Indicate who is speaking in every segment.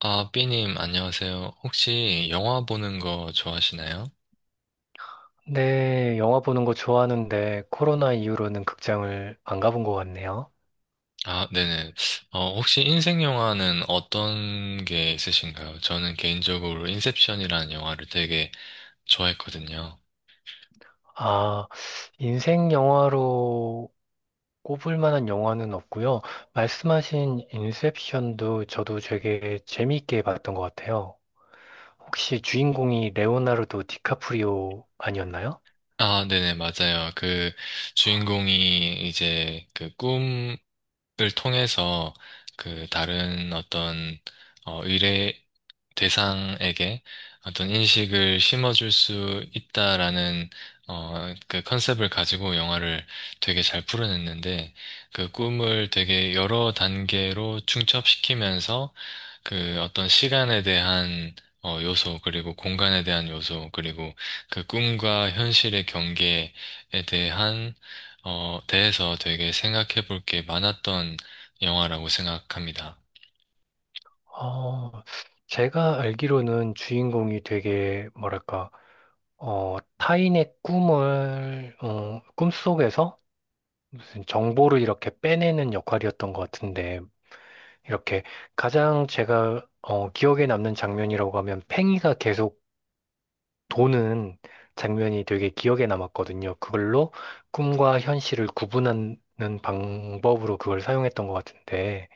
Speaker 1: 아, 삐님, 안녕하세요. 혹시 영화 보는 거 좋아하시나요?
Speaker 2: 네, 영화 보는 거 좋아하는데 코로나 이후로는 극장을 안 가본 것 같네요.
Speaker 1: 아, 네네. 혹시 인생 영화는 어떤 게 있으신가요? 저는 개인적으로 인셉션이라는 영화를 되게 좋아했거든요.
Speaker 2: 아, 인생 영화로 꼽을 만한 영화는 없고요. 말씀하신 인셉션도 저도 되게 재미있게 봤던 것 같아요. 혹시 주인공이 레오나르도 디카프리오 아니었나요?
Speaker 1: 아, 네네, 맞아요. 그 주인공이 이제 그 꿈을 통해서 그 다른 어떤 미래, 대상에게 어떤 인식을 심어줄 수 있다라는 그 컨셉을 가지고 영화를 되게 잘 풀어냈는데 그 꿈을 되게 여러 단계로 중첩시키면서 그 어떤 시간에 대한 요소 그리고 공간에 대한 요소 그리고 그 꿈과 현실의 경계에 대한 대해서 되게 생각해 볼 게 많았던 영화라고 생각합니다.
Speaker 2: 어, 제가 알기로는 주인공이 되게, 뭐랄까, 타인의 꿈을, 꿈속에서 무슨 정보를 이렇게 빼내는 역할이었던 것 같은데, 이렇게 가장 제가 기억에 남는 장면이라고 하면 팽이가 계속 도는 장면이 되게 기억에 남았거든요. 그걸로 꿈과 현실을 구분하는 방법으로 그걸 사용했던 것 같은데,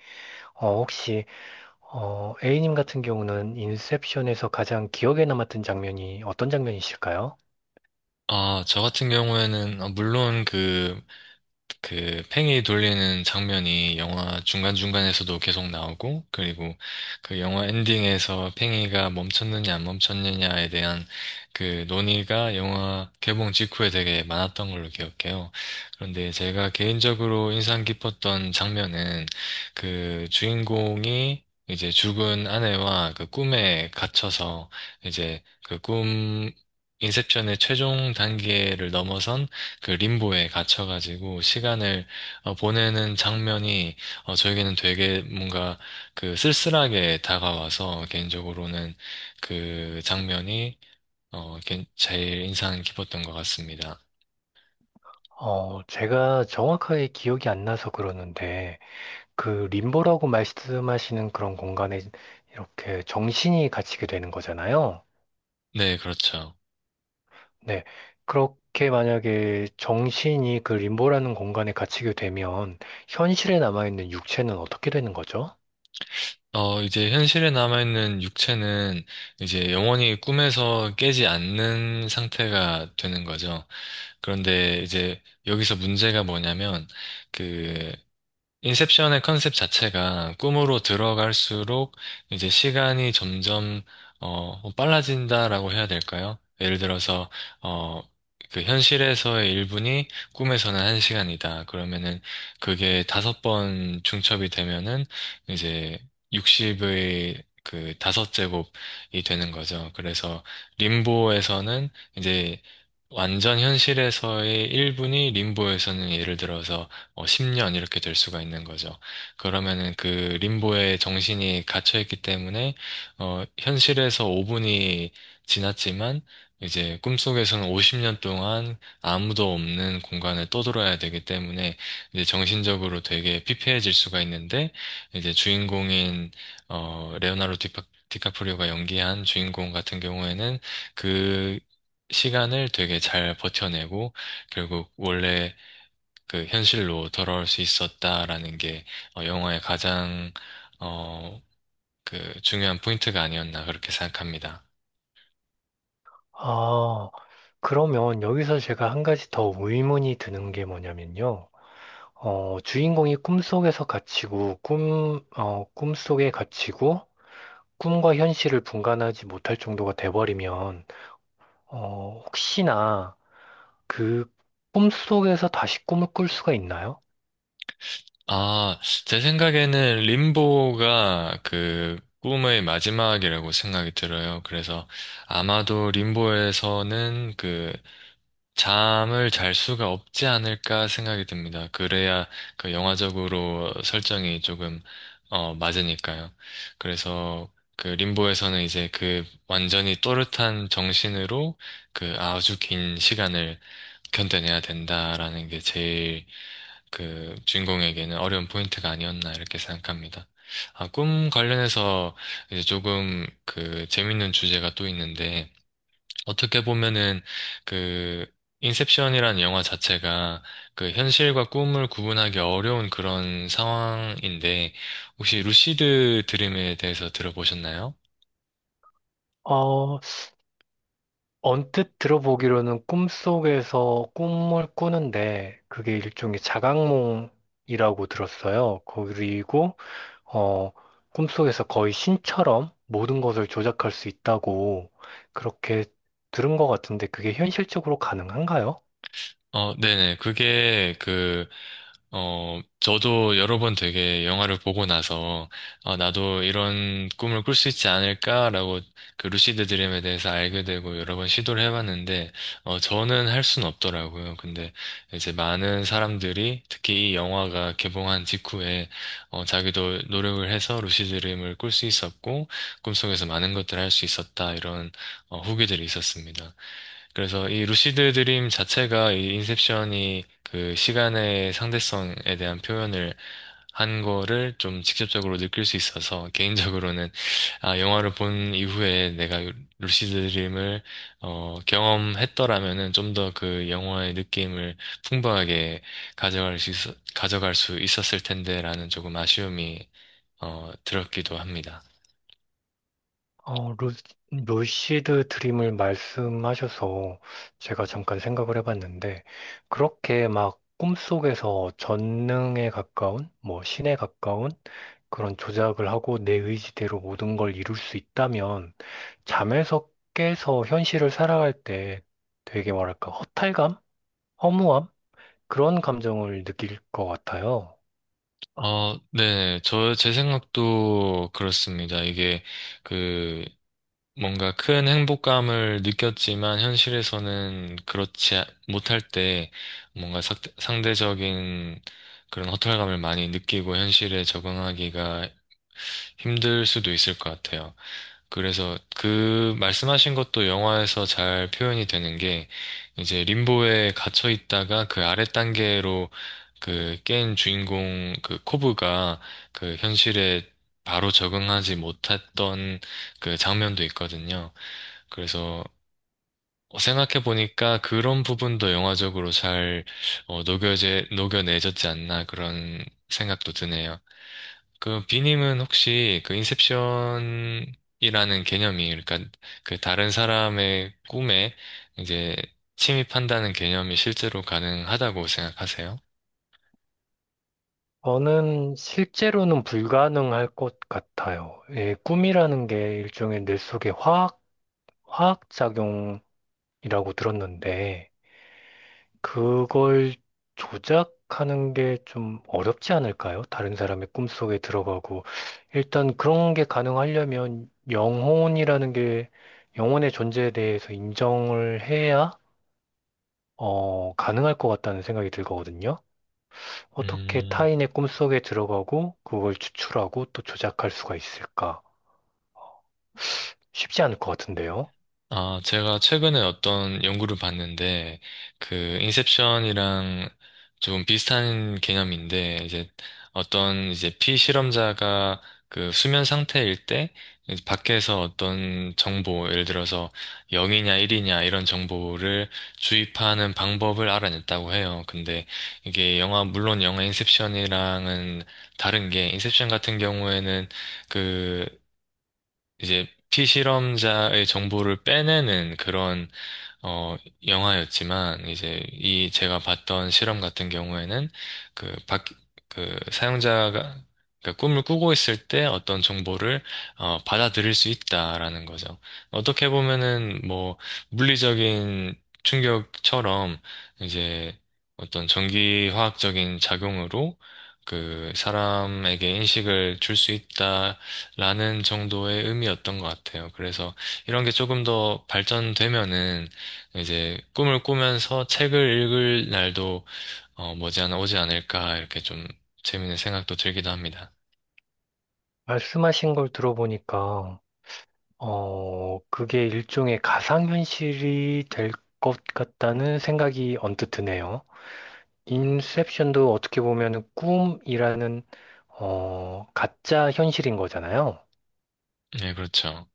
Speaker 2: 혹시 A님 같은 경우는 인셉션에서 가장 기억에 남았던 장면이 어떤 장면이실까요?
Speaker 1: 아, 저 같은 경우에는, 물론 그 팽이 돌리는 장면이 영화 중간중간에서도 계속 나오고, 그리고 그 영화 엔딩에서 팽이가 멈췄느냐 안 멈췄느냐에 대한 그 논의가 영화 개봉 직후에 되게 많았던 걸로 기억해요. 그런데 제가 개인적으로 인상 깊었던 장면은 그 주인공이 이제 죽은 아내와 그 꿈에 갇혀서 이제 그 꿈, 인셉션의 최종 단계를 넘어선 그 림보에 갇혀가지고 시간을 보내는 장면이 저에게는 되게 뭔가 그 쓸쓸하게 다가와서 개인적으로는 그 장면이 제일 인상 깊었던 것 같습니다.
Speaker 2: 제가 정확하게 기억이 안 나서 그러는데, 그 림보라고 말씀하시는 그런 공간에 이렇게 정신이 갇히게 되는 거잖아요.
Speaker 1: 네, 그렇죠.
Speaker 2: 네. 그렇게 만약에 정신이 그 림보라는 공간에 갇히게 되면 현실에 남아있는 육체는 어떻게 되는 거죠?
Speaker 1: 이제 현실에 남아있는 육체는 이제 영원히 꿈에서 깨지 않는 상태가 되는 거죠. 그런데 이제 여기서 문제가 뭐냐면 그 인셉션의 컨셉 자체가 꿈으로 들어갈수록 이제 시간이 점점 뭐 빨라진다라고 해야 될까요? 예를 들어서 어 그 현실에서의 1분이 꿈에서는 1시간이다. 그러면은 그게 다섯 번 중첩이 되면은 이제 60의 그 다섯 제곱이 되는 거죠. 그래서 림보에서는 이제 완전 현실에서의 1분이 림보에서는 예를 들어서 10년 이렇게 될 수가 있는 거죠. 그러면은 그 림보의 정신이 갇혀 있기 때문에 현실에서 5분이 지났지만 이제 꿈속에서는 50년 동안 아무도 없는 공간을 떠돌아야 되기 때문에 이제 정신적으로 되게 피폐해질 수가 있는데 이제 주인공인 어, 레오나르도 디파, 디카프리오가 연기한 주인공 같은 경우에는 그 시간을 되게 잘 버텨내고 결국 원래 그 현실로 돌아올 수 있었다라는 게 영화의 가장 어, 그 중요한 포인트가 아니었나 그렇게 생각합니다.
Speaker 2: 아, 그러면 여기서 제가 한 가지 더 의문이 드는 게 뭐냐면요. 주인공이 꿈속에서 갇히고 꿈속에 갇히고 꿈과 현실을 분간하지 못할 정도가 돼버리면 혹시나 그 꿈속에서 다시 꿈을 꿀 수가 있나요?
Speaker 1: 아, 제 생각에는 림보가 그 꿈의 마지막이라고 생각이 들어요. 그래서 아마도 림보에서는 그 잠을 잘 수가 없지 않을까 생각이 듭니다. 그래야 그 영화적으로 설정이 조금 맞으니까요. 그래서 그 림보에서는 이제 그 완전히 또렷한 정신으로 그 아주 긴 시간을 견뎌내야 된다라는 게 제일 그 주인공에게는 어려운 포인트가 아니었나 이렇게 생각합니다. 아, 꿈 관련해서 이제 조금 그 재밌는 주제가 또 있는데 어떻게 보면은 그 인셉션이라는 영화 자체가 그 현실과 꿈을 구분하기 어려운 그런 상황인데 혹시 루시드 드림에 대해서 들어보셨나요?
Speaker 2: 어, 언뜻 들어보기로는 꿈속에서 꿈을 꾸는데 그게 일종의 자각몽이라고 들었어요. 그리고 어, 꿈속에서 거의 신처럼 모든 것을 조작할 수 있다고 그렇게 들은 것 같은데 그게 현실적으로 가능한가요?
Speaker 1: 어, 네네. 저도 여러 번 되게 영화를 보고 나서, 아, 나도 이런 꿈을 꿀 수 있지 않을까라고 그 루시드 드림에 대해서 알게 되고 여러 번 시도를 해봤는데, 저는 할 수는 없더라고요. 근데 이제 많은 사람들이 특히 이 영화가 개봉한 직후에, 자기도 노력을 해서 루시드 드림을 꿀 수 있었고, 꿈속에서 많은 것들을 할 수 있었다. 이런 후기들이 있었습니다. 그래서 이 루시드 드림 자체가 이 인셉션이 그 시간의 상대성에 대한 표현을 한 거를 좀 직접적으로 느낄 수 있어서 개인적으로는 아, 영화를 본 이후에 내가 루시드 드림을 경험했더라면은 좀 더 그 영화의 느낌을 풍부하게 가져갈 수 있, 가져갈 수 있었을 텐데라는 조금 아쉬움이 들었기도 합니다.
Speaker 2: 어, 루, 루시드 드림을 말씀하셔서 제가 잠깐 생각을 해봤는데, 그렇게 막 꿈속에서 전능에 가까운, 뭐 신에 가까운 그런 조작을 하고 내 의지대로 모든 걸 이룰 수 있다면, 잠에서 깨서 현실을 살아갈 때 되게 뭐랄까, 허탈감? 허무함? 그런 감정을 느낄 것 같아요.
Speaker 1: 어, 네. 제 생각도 그렇습니다. 그, 뭔가 큰 행복감을 느꼈지만 현실에서는 그렇지 못할 때 뭔가 상대적인 그런 허탈감을 많이 느끼고 현실에 적응하기가 힘들 수도 있을 것 같아요. 그래서 그 말씀하신 것도 영화에서 잘 표현이 되는 게 이제 림보에 갇혀 있다가 그 아래 단계로 그 깬 주인공 그 코브가 그 현실에 바로 적응하지 못했던 그 장면도 있거든요. 그래서 생각해 보니까 그런 부분도 영화적으로 잘 녹여내졌지 않나 그런 생각도 드네요. 그 비님은 혹시 그 인셉션이라는 개념이 그러니까 그 다른 사람의 꿈에 이제 침입한다는 개념이 실제로 가능하다고 생각하세요?
Speaker 2: 저는 실제로는 불가능할 것 같아요. 예, 꿈이라는 게 일종의 뇌 속의 화학작용이라고 들었는데, 그걸 조작하는 게 좀 어렵지 않을까요? 다른 사람의 꿈속에 들어가고. 일단 그런 게 가능하려면 영혼이라는 게, 영혼의 존재에 대해서 인정을 해야, 가능할 것 같다는 생각이 들거든요. 어떻게
Speaker 1: 음.
Speaker 2: 타인의 꿈속에 들어가고 그걸 추출하고 또 조작할 수가 있을까? 쉽지 않을 것 같은데요.
Speaker 1: 아, 제가 최근에 어떤 연구를 봤는데, 인셉션이랑 좀 비슷한 개념인데, 이제 어떤 피실험자가 그 수면 상태일 때, 이제 밖에서 어떤 정보, 예를 들어서 0이냐 1이냐 이런 정보를 주입하는 방법을 알아냈다고 해요. 근데 이게 영화, 물론 영화 인셉션이랑은 다른 게, 인셉션 같은 경우에는 그 이제 피실험자의 정보를 빼내는 그런 어, 영화였지만, 제가 봤던 실험 같은 경우에는, 그, 박, 사용자가, 그 꿈을 꾸고 있을 때 어떤 정보를, 받아들일 수 있다라는 거죠. 어떻게 보면은, 뭐, 물리적인 충격처럼, 이제, 어떤 전기화학적인 작용으로, 그, 사람에게 인식을 줄 수 있다라는 정도의 의미였던 것 같아요. 그래서, 이런 게 조금 더 발전되면은, 이제 꿈을 꾸면서 책을 읽을 날도 머지않아 오지 않을까 이렇게 좀 재밌는 생각도 들기도 합니다.
Speaker 2: 말씀하신 걸 들어보니까, 그게 일종의 가상현실이 될 것 같다는 생각이 언뜻 드네요. 인셉션도 어떻게 보면 꿈이라는, 가짜 현실인 거잖아요.
Speaker 1: 네, 그렇죠.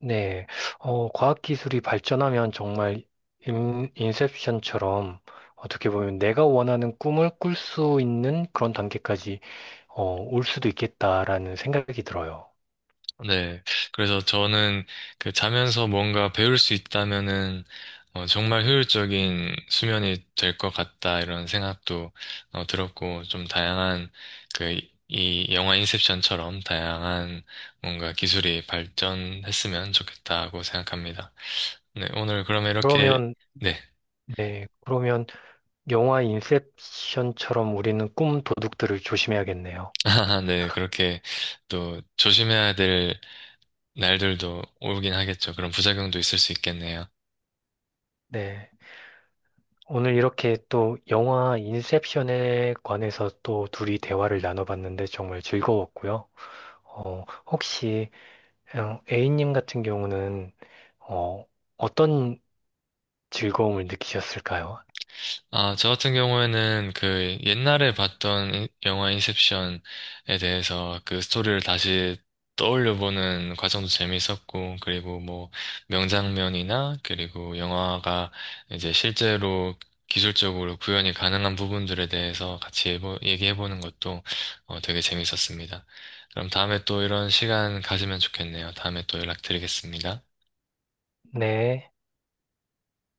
Speaker 2: 네, 과학기술이 발전하면 정말 인셉션처럼 어떻게 보면 내가 원하는 꿈을 꿀 수 있는 그런 단계까지 올 수도 있겠다라는 생각이 들어요.
Speaker 1: 네. 그래서 저는 그 자면서 뭔가 배울 수 있다면은 정말 효율적인 수면이 될 것 같다 이런 생각도 들었고 좀 다양한 그 이 영화 인셉션처럼 다양한 뭔가 기술이 발전했으면 좋겠다고 생각합니다. 네, 오늘 그러면 이렇게
Speaker 2: 그러면,
Speaker 1: 네.
Speaker 2: 네, 그러면 영화 인셉션처럼 우리는 꿈 도둑들을 조심해야겠네요.
Speaker 1: 아, 네, 그렇게 또 조심해야 될 날들도 오긴 하겠죠. 그런 부작용도 있을 수 있겠네요.
Speaker 2: 네, 오늘 이렇게 또 영화 인셉션에 관해서 또 둘이 대화를 나눠봤는데 정말 즐거웠고요. 혹시 A님 같은 경우는 어, 어떤 즐거움을 느끼셨을까요?
Speaker 1: 아, 저 같은 경우에는 그 옛날에 봤던 영화 인셉션에 대해서 그 스토리를 다시 떠올려보는 과정도 재미있었고, 그리고 뭐 명장면이나, 그리고 영화가 이제 실제로 기술적으로 구현이 가능한 부분들에 대해서 같이 얘기해보는 것도 되게 재미있었습니다. 그럼 다음에 또 이런 시간 가지면 좋겠네요. 다음에 또 연락드리겠습니다.
Speaker 2: 네.